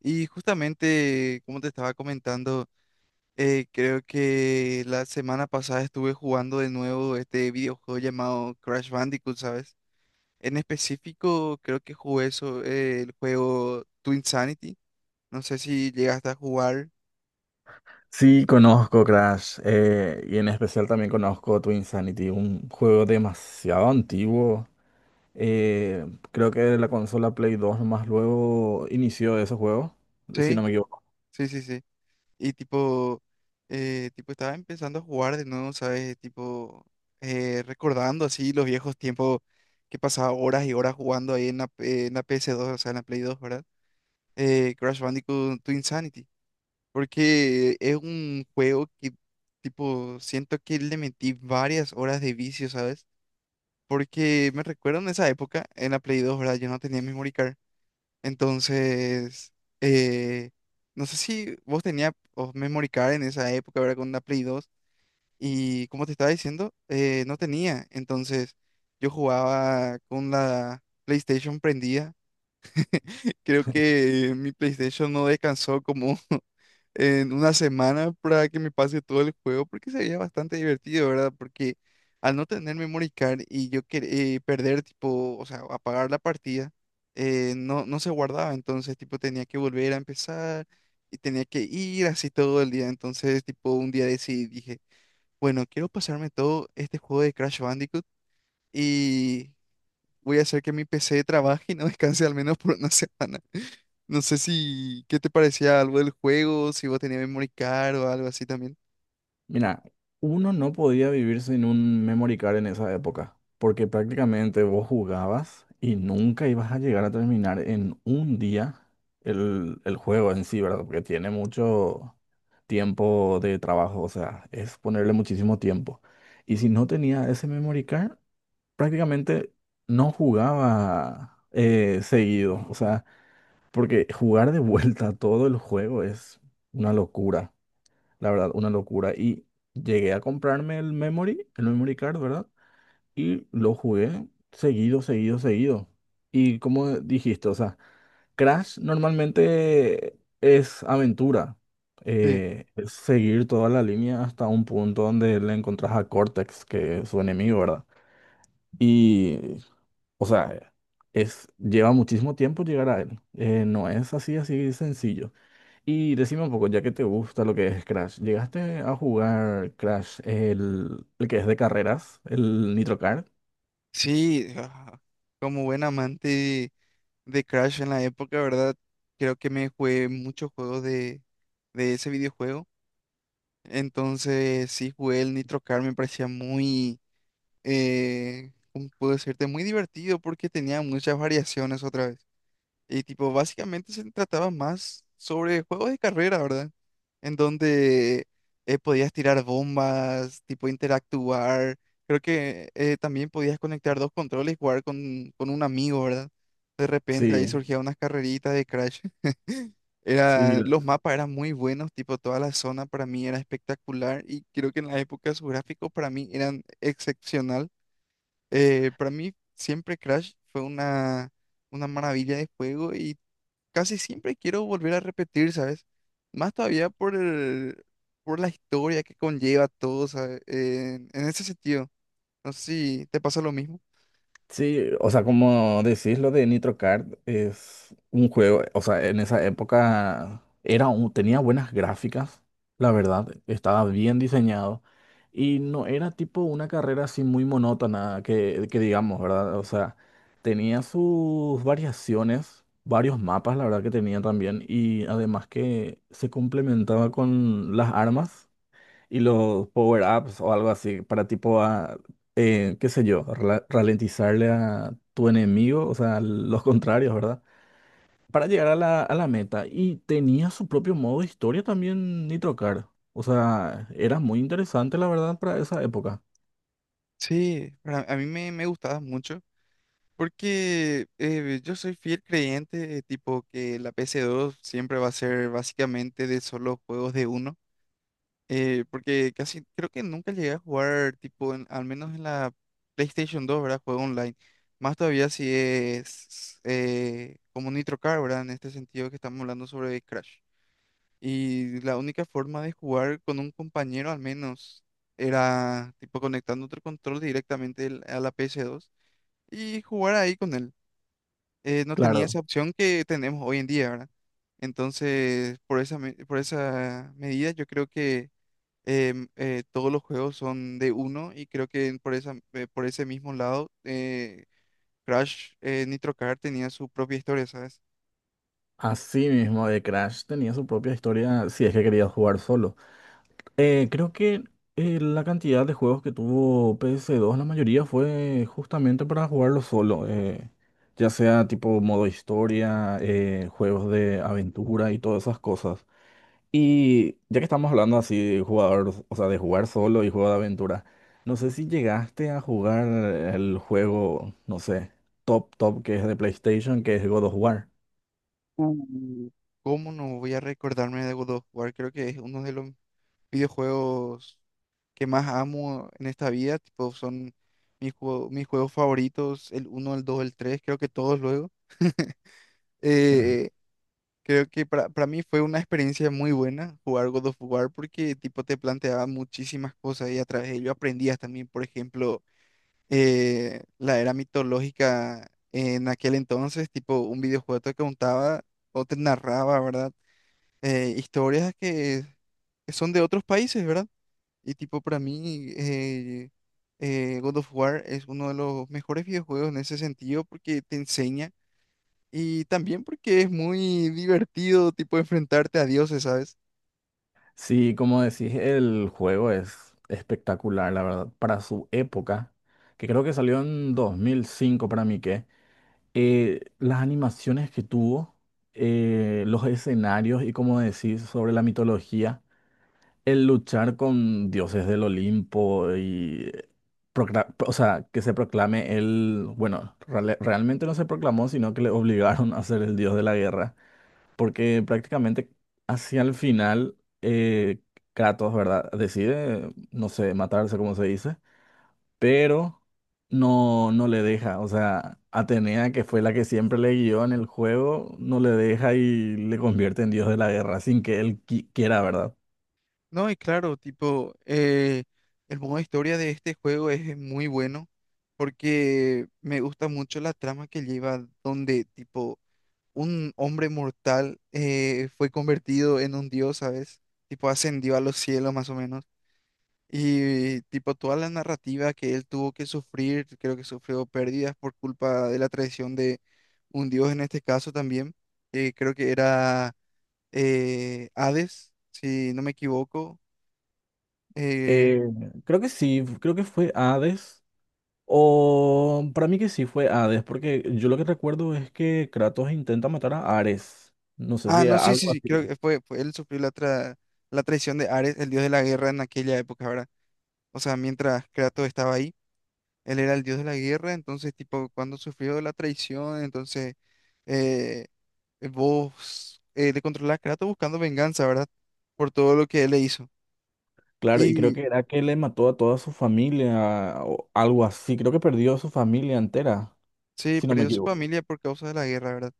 Y justamente, como te estaba comentando, creo que la semana pasada estuve jugando de nuevo este videojuego llamado Crash Bandicoot, ¿sabes? En específico, creo que jugué eso, el juego Twinsanity. No sé si llegaste a jugar. Sí, conozco Crash, y en especial también conozco Twin Sanity, un juego demasiado antiguo. Eh, Creo que la consola Play 2 más luego inició ese juego, si no Sí, me equivoco. sí, sí, sí. Y tipo, estaba empezando a jugar de nuevo, ¿sabes? Tipo, recordando así los viejos tiempos que pasaba horas y horas jugando ahí en la PS2, o sea, en la Play 2, ¿verdad? Crash Bandicoot to Insanity, porque es un juego que, tipo, siento que le metí varias horas de vicio, ¿sabes? Porque me recuerdo en esa época, en la Play dos, ¿verdad? Yo no tenía memory card. Entonces, eh, no sé si vos tenías oh, memory card en esa época, ¿verdad? Con la Play dos. Y como te estaba diciendo, no tenía. Entonces, yo jugaba con la PlayStation prendida. Creo que mi PlayStation no descansó como en una semana para que me pase todo el juego, porque sería bastante divertido, ¿verdad? Porque al no tener memory card y perder, tipo, o sea, apagar la partida, no, no se guardaba, entonces, tipo, tenía que volver a empezar y tenía que ir así todo el día, entonces, tipo, un día decidí, dije, bueno, quiero pasarme todo este juego de Crash Bandicoot. Y voy a hacer que mi PC trabaje y no descanse al menos por una semana. No sé si, ¿qué te parecía algo del juego? Si vos tenías memory card o algo así también. Mira, uno no podía vivir sin un memory card en esa época, porque prácticamente vos jugabas y nunca ibas a llegar a terminar en un día el juego en sí, ¿verdad? Porque tiene mucho tiempo de trabajo, o sea, es ponerle muchísimo tiempo. Y si no tenía ese memory card, prácticamente no jugaba seguido, o sea, porque jugar de vuelta todo el juego es una locura. La verdad, una locura. Y llegué a comprarme el memory card, ¿verdad? Y lo jugué seguido, seguido, seguido. Y como dijiste, o sea, Crash normalmente es aventura. Sí. Es seguir toda la línea hasta un punto donde le encontrás a Cortex, que es su enemigo, ¿verdad? Y, o sea, es, lleva muchísimo tiempo llegar a él. No es así, así sencillo. Y decime un poco, ya que te gusta lo que es Crash, ¿llegaste a jugar Crash, el que es de carreras, el Nitro Kart? Sí, ah, como buen amante de Crash en la época, ¿verdad? Creo que me jugué muchos juegos de ese videojuego. Entonces, sí, jugué el Nitro Car, me parecía muy, ¿cómo puedo decirte? Muy divertido porque tenía muchas variaciones otra vez. Y tipo, básicamente se trataba más sobre juegos de carrera, ¿verdad? En donde podías tirar bombas, tipo interactuar. Creo que también podías conectar dos controles y jugar con un amigo, ¿verdad? De repente ahí Mm. Sí, surgían unas carreritas de Crash. sí, Era, sí, los mapas eran muy buenos, tipo toda la zona para mí era espectacular y creo que en la época sus gráficos para mí eran excepcional. Para mí siempre Crash fue una maravilla de juego y casi siempre quiero volver a repetir, ¿sabes? Más todavía por la historia que conlleva todo, ¿sabes? En ese sentido, no sé si te pasa lo mismo. sí, o sea, como decís, lo de Nitro Kart es un juego, o sea, en esa época tenía buenas gráficas, la verdad, estaba bien diseñado y no era tipo una carrera así muy monótona que digamos, ¿verdad? O sea, tenía sus variaciones, varios mapas, la verdad que tenía también y además que se complementaba con las armas. Y los power-ups o algo así para tipo, a, qué sé yo, ralentizarle a tu enemigo, o sea, los contrarios, ¿verdad? Para llegar a la meta. Y tenía su propio modo de historia también Nitro Car. O sea, era muy interesante, la verdad, para esa época. Sí, a mí me gustaba mucho porque yo soy fiel creyente, tipo que la ps dos siempre va a ser básicamente de solo juegos de uno. Porque casi creo que nunca llegué a jugar, tipo, al menos en la PlayStation 2, ¿verdad? Juego online. Más todavía si es como Nitro Car, ¿verdad? En este sentido que estamos hablando sobre Crash. Y la única forma de jugar con un compañero, al menos, era tipo conectando otro control directamente a la PS2 y jugar ahí con él. No tenía Claro, esa opción que tenemos hoy en día, ¿verdad? Entonces, por esa medida, yo creo que todos los juegos son de uno y creo que por esa, por ese mismo lado, Crash Nitro Kart tenía su propia historia, ¿sabes? así mismo de Crash tenía su propia historia si es que querías jugar solo. Creo que la cantidad de juegos que tuvo PS2, la mayoría fue justamente para jugarlo solo, ya sea tipo modo historia, juegos de aventura y todas esas cosas. Y ya que estamos hablando así de jugador, o sea, de jugar solo y juego de aventura, no sé si llegaste a jugar el juego, no sé, top top que es de PlayStation, que es God of War. Uh, ¿Cómo no voy a recordarme de God of War? Creo que es uno de los videojuegos que más amo en esta vida, tipo, son mis juegos favoritos, el uno, el dos, el tres, creo que todos luego. Eh, Creo que para mí fue una experiencia muy buena jugar God of War porque tipo te planteaba muchísimas cosas y a través de ello aprendías también, por ejemplo, la era mitológica en aquel entonces, tipo un videojuego te contaba o te narraba, ¿verdad? Historias que son de otros países, ¿verdad? Y tipo para mí God of War es uno de los mejores videojuegos en ese sentido porque te enseña. Y también porque es muy divertido, tipo, enfrentarte a dioses, ¿sabes? Sí, como decís, el juego es espectacular, la verdad, para su época, que creo que salió en 2005 para mí que, las animaciones que tuvo, los escenarios y como decís sobre la mitología, el luchar con dioses del Olimpo y, o sea, que se proclame él, bueno, realmente no se proclamó, sino que le obligaron a ser el dios de la guerra porque prácticamente hacia el final eh, Kratos, ¿verdad? Decide, no sé, matarse, como se dice, pero no le deja, o sea, Atenea, que fue la que siempre le guió en el juego, no le deja y le convierte en dios de la guerra sin que él quiera, ¿verdad? No, y claro, tipo, el modo historia de este juego es muy bueno porque me gusta mucho la trama que lleva donde, tipo, un hombre mortal fue convertido en un dios, ¿sabes? Tipo, ascendió a los cielos más o menos. Y tipo toda la narrativa que él tuvo que sufrir, creo que sufrió pérdidas por culpa de la traición de un dios en este caso también, creo que era Hades, si no me equivoco. eh, Eh, Creo que sí, creo que fue Hades. O para mí que sí fue Hades, porque yo lo que recuerdo es que Kratos intenta matar a Ares. No sé ah, si no, sí, sí, algo sí, así. creo que fue él, sufrió la traición de Ares, el dios de la guerra en aquella época, ¿verdad? O sea, mientras Kratos estaba ahí, él era el dios de la guerra, entonces tipo cuando sufrió la traición, entonces eh, vos le controlás a Kratos buscando venganza, ¿verdad? Por todo lo que él le hizo. Claro, y creo Y que era que le mató a toda su familia o algo así. Creo que perdió a su familia entera, sí, si no me perdió su equivoco. familia por causa de la guerra, ¿verdad?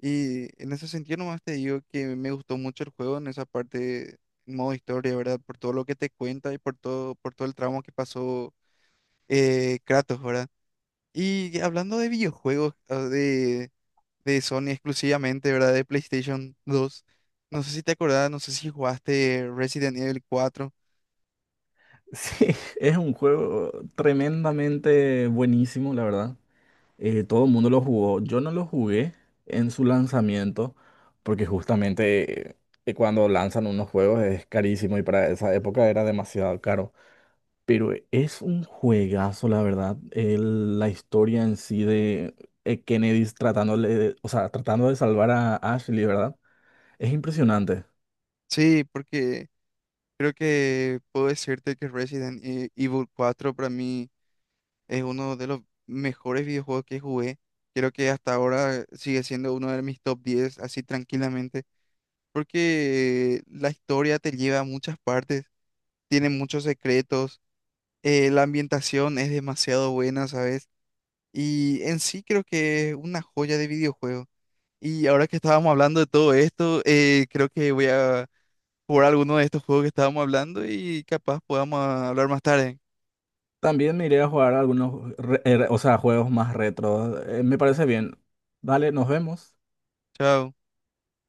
Y en ese sentido nomás te digo que me gustó mucho el juego en esa parte, en modo historia, ¿verdad? Por todo lo que te cuenta y por todo el tramo que pasó Kratos, ¿verdad? Y hablando de videojuegos, de Sony exclusivamente, ¿verdad? De PlayStation 2, no sé si te acordás, no sé si jugaste Resident Evil cuatro. Sí, es un juego tremendamente buenísimo, la verdad. Todo el mundo lo jugó. Yo no lo jugué en su lanzamiento, porque justamente cuando lanzan unos juegos es carísimo y para esa época era demasiado caro. Pero es un juegazo, la verdad. El- la historia en sí de Kennedy tratándole, de- o sea, tratando de salvar a Ashley, ¿verdad? Es impresionante. Sí, porque creo que puedo decirte que Evil cuatro para mí es uno de los mejores videojuegos que jugué. Creo que hasta ahora sigue siendo uno de mis top 10 así tranquilamente, porque la historia te lleva a muchas partes, tiene muchos secretos, la ambientación es demasiado buena, ¿sabes? Y en sí creo que es una joya de videojuego. Y ahora que estábamos hablando de todo esto, creo que voy a jugar alguno de estos juegos que estábamos hablando y capaz podamos ah, hablar más tarde. También me iré a jugar algunos, o sea, juegos más retro. Me parece bien. Dale, nos vemos. Chao.